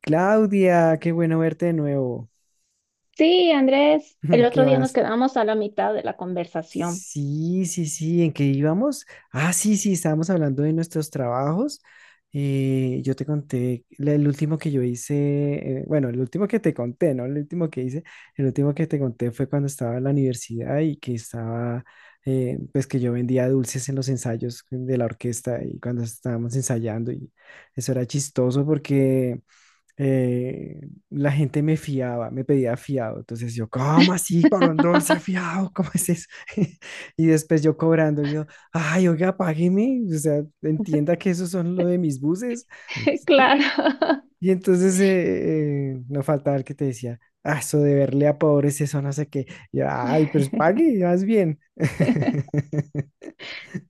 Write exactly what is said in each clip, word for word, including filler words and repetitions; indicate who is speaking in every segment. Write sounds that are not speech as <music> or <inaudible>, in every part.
Speaker 1: Claudia, qué bueno verte de nuevo.
Speaker 2: Sí, Andrés, el
Speaker 1: <laughs>
Speaker 2: otro
Speaker 1: ¿Qué
Speaker 2: día nos
Speaker 1: más?
Speaker 2: quedamos a la mitad de la conversación.
Speaker 1: Sí, sí, sí, ¿en qué íbamos? Ah, sí, sí, estábamos hablando de nuestros trabajos. Eh, yo te conté la- el último que yo hice, eh, bueno, el último que te conté, ¿no? El último que hice, el último que te conté fue cuando estaba en la universidad y que estaba, eh, pues que yo vendía dulces en los ensayos de la orquesta y cuando estábamos ensayando, y eso era chistoso porque... eh, la gente me fiaba, me pedía fiado. Entonces yo, ¿cómo así, varón
Speaker 2: <laughs>
Speaker 1: dulce, fiado? ¿Cómo es eso? <laughs> Y después yo cobrando, yo, ay, oiga, págueme, o sea, entienda que esos son lo de mis buses. ¿Sí?
Speaker 2: Claro.
Speaker 1: Y entonces eh, eh, no faltaba el que te decía, ah, eso de verle a pobres, eso no sé qué. Y, ay, pues
Speaker 2: <laughs>
Speaker 1: pague, vas bien. <laughs>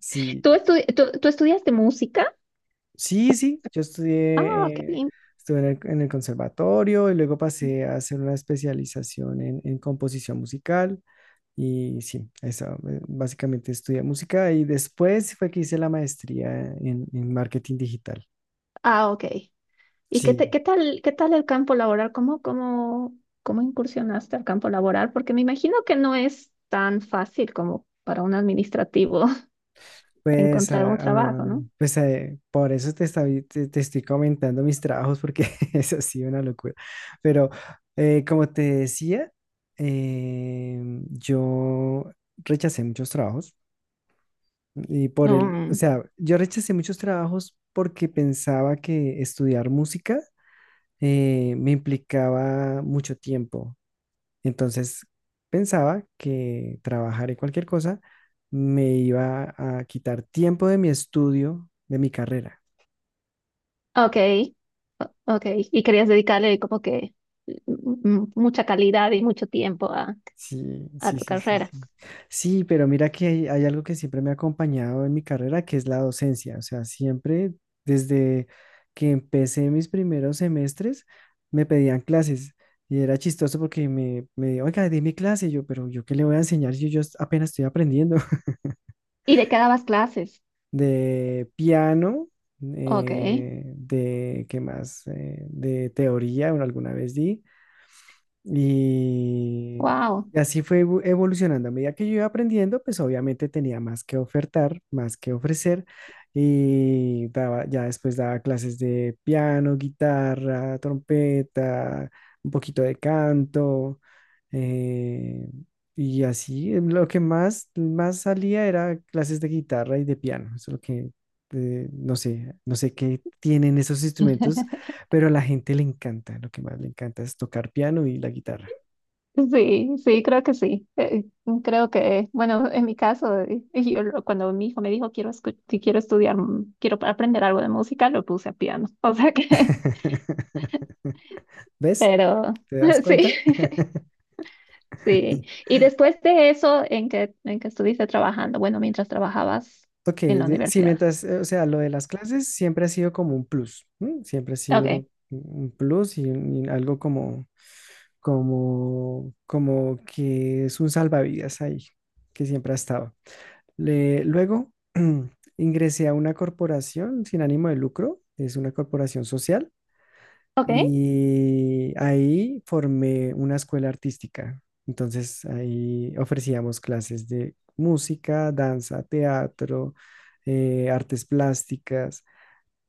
Speaker 1: Sí,
Speaker 2: ¿Tú, estu- tú- tú estudiaste música?
Speaker 1: sí, sí, yo
Speaker 2: Ah, qué
Speaker 1: estudié, eh,
Speaker 2: lindo.
Speaker 1: estuve en el, en el conservatorio y luego pasé a hacer una especialización en, en composición musical y sí, eso, eh, básicamente estudié música y después fue que hice la maestría en, en marketing digital.
Speaker 2: Ah, ok. ¿Y qué, te-
Speaker 1: Sí,
Speaker 2: qué tal, qué tal el campo laboral? ¿Cómo, cómo, cómo incursionaste al campo laboral? Porque me imagino que no es tan fácil como para un administrativo <laughs>
Speaker 1: pues,
Speaker 2: encontrar un
Speaker 1: ah,
Speaker 2: trabajo,
Speaker 1: ah,
Speaker 2: ¿no?
Speaker 1: pues eh, por eso te, estaba- te, te estoy comentando mis trabajos porque <laughs> es así una locura. Pero eh, como te decía, eh, yo rechacé muchos trabajos. Y por el, o
Speaker 2: Mm,
Speaker 1: sea, yo rechacé muchos trabajos porque pensaba que estudiar música eh, me implicaba mucho tiempo. Entonces pensaba que trabajar en cualquier cosa me iba a quitar tiempo de mi estudio, de mi carrera.
Speaker 2: ok, o- ok. Y querías dedicarle como que mm, mucha calidad y mucho tiempo a,
Speaker 1: Sí,
Speaker 2: a
Speaker 1: sí,
Speaker 2: tu
Speaker 1: sí, sí,
Speaker 2: carrera.
Speaker 1: sí. Sí, pero mira que hay, hay algo que siempre me ha acompañado en mi carrera, que es la docencia. O sea, siempre desde que empecé mis primeros semestres, me pedían clases. Y era chistoso porque me, me, oiga, dime clase. Yo, pero ¿yo qué le voy a enseñar si yo apenas estoy aprendiendo? <laughs>
Speaker 2: ¿Y de qué quedabas clases?
Speaker 1: De piano,
Speaker 2: Ok,
Speaker 1: eh, de, ¿qué más? Eh, de teoría, bueno, alguna vez di. Y,
Speaker 2: wow.
Speaker 1: y así fue evo- evolucionando. A medida que yo iba aprendiendo, pues obviamente tenía más que ofertar, más que ofrecer. Y daba, ya después daba clases de piano, guitarra, trompeta, un poquito de canto. eh, y así, eh, lo que más, más salía era clases de guitarra y de piano. Eso es lo que, eh, no sé, no sé qué tienen esos instrumentos,
Speaker 2: <laughs>
Speaker 1: pero a la gente le encanta, lo que más le encanta es tocar piano y la guitarra.
Speaker 2: Sí, sí, creo que sí. Eh, creo que, bueno, en mi caso, eh, yo lo- cuando mi hijo me dijo quiero escu- si quiero estudiar, mm, quiero aprender algo de música, lo puse a piano. <laughs> O sea que,
Speaker 1: <laughs> ¿Ves?
Speaker 2: pero
Speaker 1: ¿Te
Speaker 2: <laughs>
Speaker 1: das
Speaker 2: sí,
Speaker 1: cuenta?
Speaker 2: <laughs> sí. Y después de eso, ¿en que en que estuviste trabajando? Bueno, mientras trabajabas
Speaker 1: Ok,
Speaker 2: en la
Speaker 1: de- sí,
Speaker 2: universidad.
Speaker 1: mientras, eh, o sea, lo de las clases siempre ha sido como un plus, ¿m? Siempre ha sido
Speaker 2: Ok,
Speaker 1: un un plus y, un- y algo como, como, como que es un salvavidas ahí, que siempre ha estado. Le- luego <clears throat> ingresé a una corporación sin ánimo de lucro, es una corporación social.
Speaker 2: ok,
Speaker 1: Y ahí formé una escuela artística. Entonces ahí ofrecíamos clases de música, danza, teatro, eh, artes plásticas.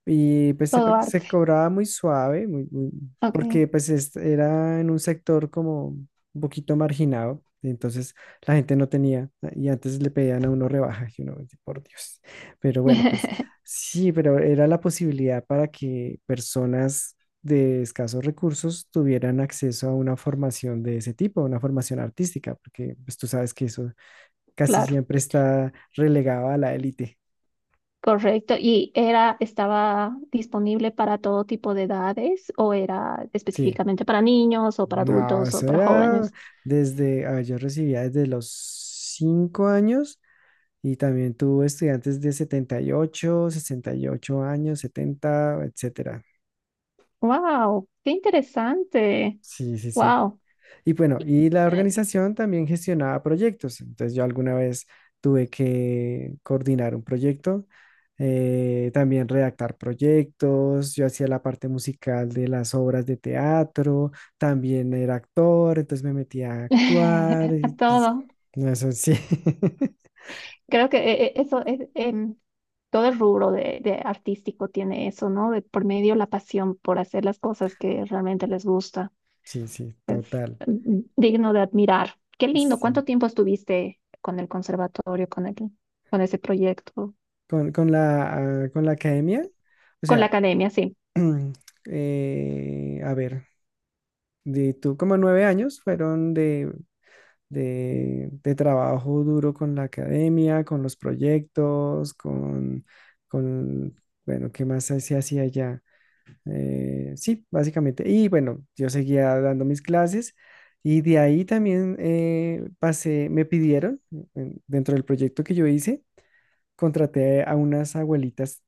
Speaker 1: Y pues se, pa-
Speaker 2: todo arte.
Speaker 1: se cobraba muy suave, muy, muy-
Speaker 2: Ok,
Speaker 1: porque pues es- era en un sector como un poquito marginado, entonces la gente no tenía, y antes le pedían a uno rebaja, y uno, por Dios. Pero bueno, pues
Speaker 2: <laughs>
Speaker 1: sí, pero era la posibilidad para que personas de escasos recursos tuvieran acceso a una formación de ese tipo, una formación artística, porque pues tú sabes que eso casi
Speaker 2: claro.
Speaker 1: siempre está relegado a la élite.
Speaker 2: Correcto. ¿Y era, estaba disponible para todo tipo de edades o era
Speaker 1: Sí.
Speaker 2: específicamente para niños o para
Speaker 1: No,
Speaker 2: adultos o
Speaker 1: eso
Speaker 2: para
Speaker 1: era
Speaker 2: jóvenes?
Speaker 1: desde, a ver, yo recibía desde los cinco años y también tuve estudiantes de setenta y ocho, sesenta y ocho años, setenta, etcétera.
Speaker 2: Wow, qué interesante.
Speaker 1: Sí, sí, sí.
Speaker 2: Wow.
Speaker 1: Y bueno,
Speaker 2: Y-
Speaker 1: y la
Speaker 2: eh,
Speaker 1: organización también gestionaba proyectos. Entonces yo alguna vez tuve que coordinar un proyecto, eh, también redactar proyectos, yo hacía la parte musical de las obras de teatro, también era actor, entonces me metía a actuar.
Speaker 2: <laughs> A
Speaker 1: Y, pues,
Speaker 2: todo.
Speaker 1: no, eso sí. <laughs>
Speaker 2: Creo que eh, eh, eso es em, todo el rubro de, de artístico tiene eso, ¿no? De por medio la pasión por hacer las cosas que realmente les gusta.
Speaker 1: Sí, sí,
Speaker 2: Es
Speaker 1: total.
Speaker 2: mm, digno de admirar. Qué lindo.
Speaker 1: Sí.
Speaker 2: ¿Cuánto tiempo estuviste con el conservatorio, con el, con ese proyecto,
Speaker 1: Con, con la, ah, con la academia, o
Speaker 2: con la
Speaker 1: sea,
Speaker 2: academia? Sí.
Speaker 1: <clears throat> eh, a ver, de tú como nueve años fueron de de, de trabajo duro con la academia, con los proyectos, con, con bueno, ¿qué más se se hacía allá? Eh, sí, básicamente. Y bueno, yo seguía dando mis clases y de ahí también eh, pasé, me pidieron, en- dentro del proyecto que yo hice, contraté a unas abuelitas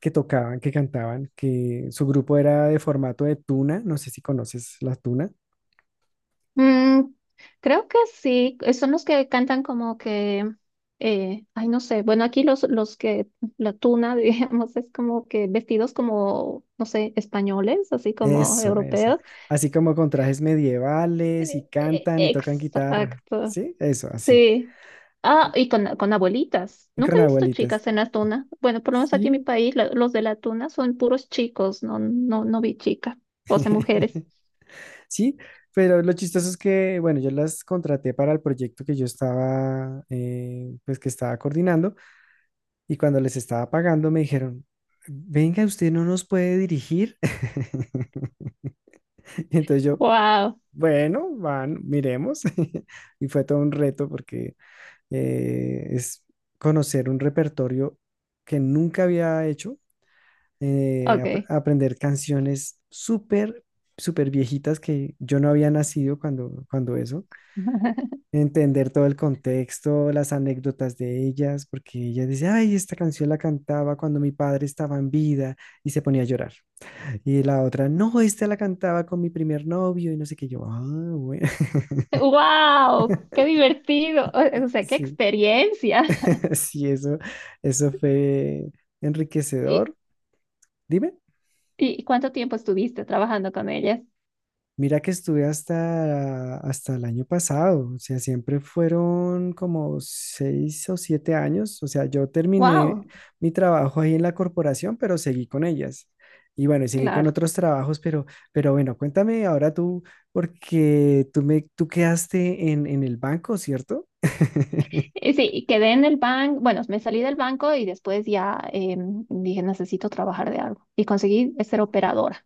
Speaker 1: que tocaban, que cantaban, que su grupo era de formato de tuna, no sé si conoces la tuna.
Speaker 2: Mm, creo que sí. eh, Son los que cantan como que, eh, ay, no sé. Bueno, aquí los, los que, la tuna, <laughs> digamos, es como que vestidos como, no sé, españoles, así como
Speaker 1: Eso, eso.
Speaker 2: europeos.
Speaker 1: Así como con trajes medievales y
Speaker 2: Eh, eh,
Speaker 1: cantan y tocan guitarra.
Speaker 2: Exacto.
Speaker 1: ¿Sí? Eso, así.
Speaker 2: Sí. Ah, y con, con abuelitas.
Speaker 1: Y
Speaker 2: Nunca
Speaker 1: con
Speaker 2: he visto
Speaker 1: abuelitas.
Speaker 2: chicas en la tuna. Bueno, por lo menos aquí en mi
Speaker 1: Sí.
Speaker 2: país, la- los de la tuna son puros chicos. No, no, no vi chicas. O sea, mujeres.
Speaker 1: <laughs> Sí, pero lo chistoso es que, bueno, yo las contraté para el proyecto que yo estaba, eh, pues que estaba coordinando, y cuando les estaba pagando me dijeron, venga, usted no nos puede dirigir. <laughs> Entonces yo,
Speaker 2: Wow.
Speaker 1: bueno, van, miremos. <laughs> Y fue todo un reto porque eh, es conocer un repertorio que nunca había hecho, eh, ap-
Speaker 2: Ok.
Speaker 1: aprender canciones súper, súper viejitas que yo no había nacido cuando, cuando eso,
Speaker 2: <laughs>
Speaker 1: entender todo el contexto, las anécdotas de ellas, porque ella dice, ay, esta canción la cantaba cuando mi padre estaba en vida y se ponía a llorar. Y la otra, no, esta la cantaba con mi primer novio y no sé qué, yo, ah, bueno,
Speaker 2: Wow. Qué
Speaker 1: <laughs>
Speaker 2: divertido. O, o sea, qué
Speaker 1: sí,
Speaker 2: experiencia. <laughs>
Speaker 1: <laughs> sí, eso, eso fue
Speaker 2: ¿Y,
Speaker 1: enriquecedor. Dime,
Speaker 2: y cuánto tiempo estuviste trabajando con ellas?
Speaker 1: mira que estuve hasta, hasta el año pasado, o sea, siempre fueron como seis o siete años, o sea, yo terminé
Speaker 2: Wow.
Speaker 1: mi trabajo ahí en la corporación, pero seguí con ellas. Y bueno, y seguí con
Speaker 2: Claro.
Speaker 1: otros trabajos, pero, pero bueno, cuéntame ahora tú, porque tú me, tú quedaste en, en el banco, ¿cierto? <laughs>
Speaker 2: Y sí, y quedé en el banco, bueno, me salí del banco y después ya em, dije, necesito trabajar de algo. Y conseguí ser operadora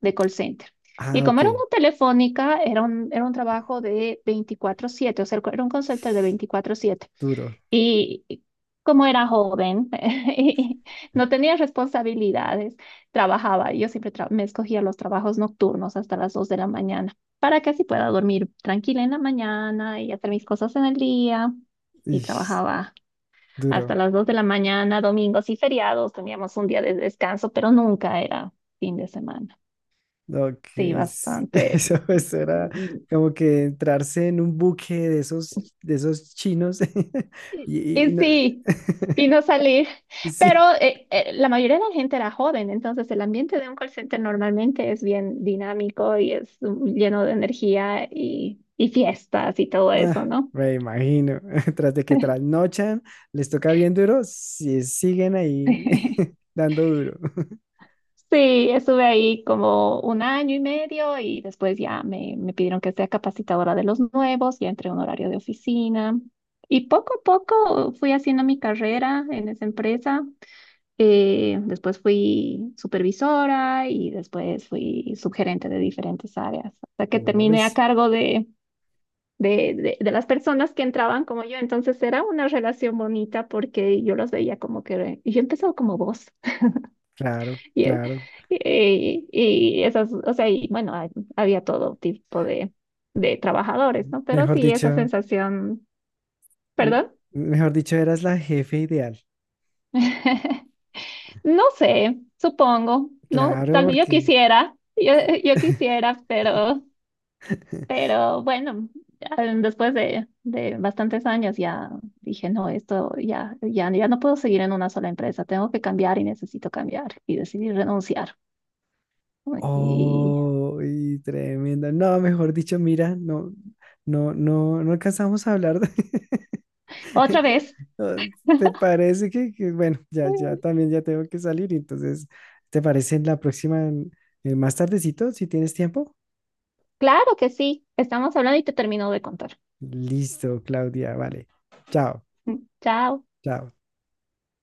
Speaker 2: de call center. Y
Speaker 1: Ah,
Speaker 2: como
Speaker 1: ok,
Speaker 2: era una telefónica, era un, era un trabajo de veinticuatro siete, o sea, era un call center de veinticuatro siete.
Speaker 1: duro,
Speaker 2: Y y como era joven <laughs> y no tenía responsabilidades, trabajaba. Yo siempre tra- me escogía los trabajos nocturnos hasta las dos de la mañana para que así pueda dormir tranquila en la mañana y hacer mis cosas en el día. Y
Speaker 1: ish,
Speaker 2: trabajaba hasta
Speaker 1: duro.
Speaker 2: las dos de la mañana, domingos y feriados. Teníamos un día de descanso, pero nunca era fin de semana.
Speaker 1: Ok,
Speaker 2: Sí,
Speaker 1: es- <laughs>
Speaker 2: bastante.
Speaker 1: eso, eso era como que entrarse en un buque de esos, de esos chinos. <laughs>
Speaker 2: Y,
Speaker 1: Y, y-
Speaker 2: y
Speaker 1: y no-
Speaker 2: sí,
Speaker 1: <laughs>
Speaker 2: y no salí. Pero
Speaker 1: sí,
Speaker 2: eh, eh, la mayoría de la gente era joven, entonces el ambiente de un call center normalmente es bien dinámico y es mm, lleno de energía y, y fiestas y todo eso,
Speaker 1: ah,
Speaker 2: ¿no?
Speaker 1: me imagino. <laughs> Tras de que trasnochan, les toca bien duro, si siguen ahí <laughs>
Speaker 2: <laughs>
Speaker 1: dando duro. <laughs>
Speaker 2: Sí, estuve ahí como un año y medio y después ya me, me pidieron que sea capacitadora de los nuevos, ya entré a un horario de oficina y poco a poco fui haciendo mi carrera en esa empresa. Eh, después fui supervisora y después fui subgerente de diferentes áreas, hasta que
Speaker 1: Uy,
Speaker 2: terminé a cargo de, de, de- de las personas que entraban como yo. Entonces era una relación bonita porque yo los veía como que y yo empezaba como vos. <laughs>
Speaker 1: claro,
Speaker 2: Y, eh,
Speaker 1: claro.
Speaker 2: y, y esas, o sea, y bueno, ha- había todo tipo de, de trabajadores, ¿no? Pero
Speaker 1: Mejor
Speaker 2: sí, esa
Speaker 1: dicho,
Speaker 2: sensación,
Speaker 1: m-
Speaker 2: perdón.
Speaker 1: mejor dicho, eras la jefe ideal.
Speaker 2: <laughs> No sé, supongo. No,
Speaker 1: Claro,
Speaker 2: tal vez yo
Speaker 1: porque
Speaker 2: quisiera, yo, yo quisiera, pero,
Speaker 1: <laughs>
Speaker 2: pero bueno, ya después de, de bastantes años ya dije, no, esto ya, ya, ya no puedo seguir en una sola empresa, tengo que cambiar y necesito cambiar y decidí renunciar. ¿No? Y
Speaker 1: oh, y tremendo. No, mejor dicho, mira, no, no, no, no alcanzamos a hablar de-
Speaker 2: otra
Speaker 1: <laughs>
Speaker 2: vez,
Speaker 1: No, ¿te parece que, que, bueno, ya,
Speaker 2: mm,
Speaker 1: ya también ya tengo que salir, entonces, ¿te parece en la próxima, en- en más tardecito, si tienes tiempo?
Speaker 2: claro que sí, estamos hablando y te termino de contar.
Speaker 1: Listo, Claudia, vale. Chao,
Speaker 2: Mm, chao.
Speaker 1: chao.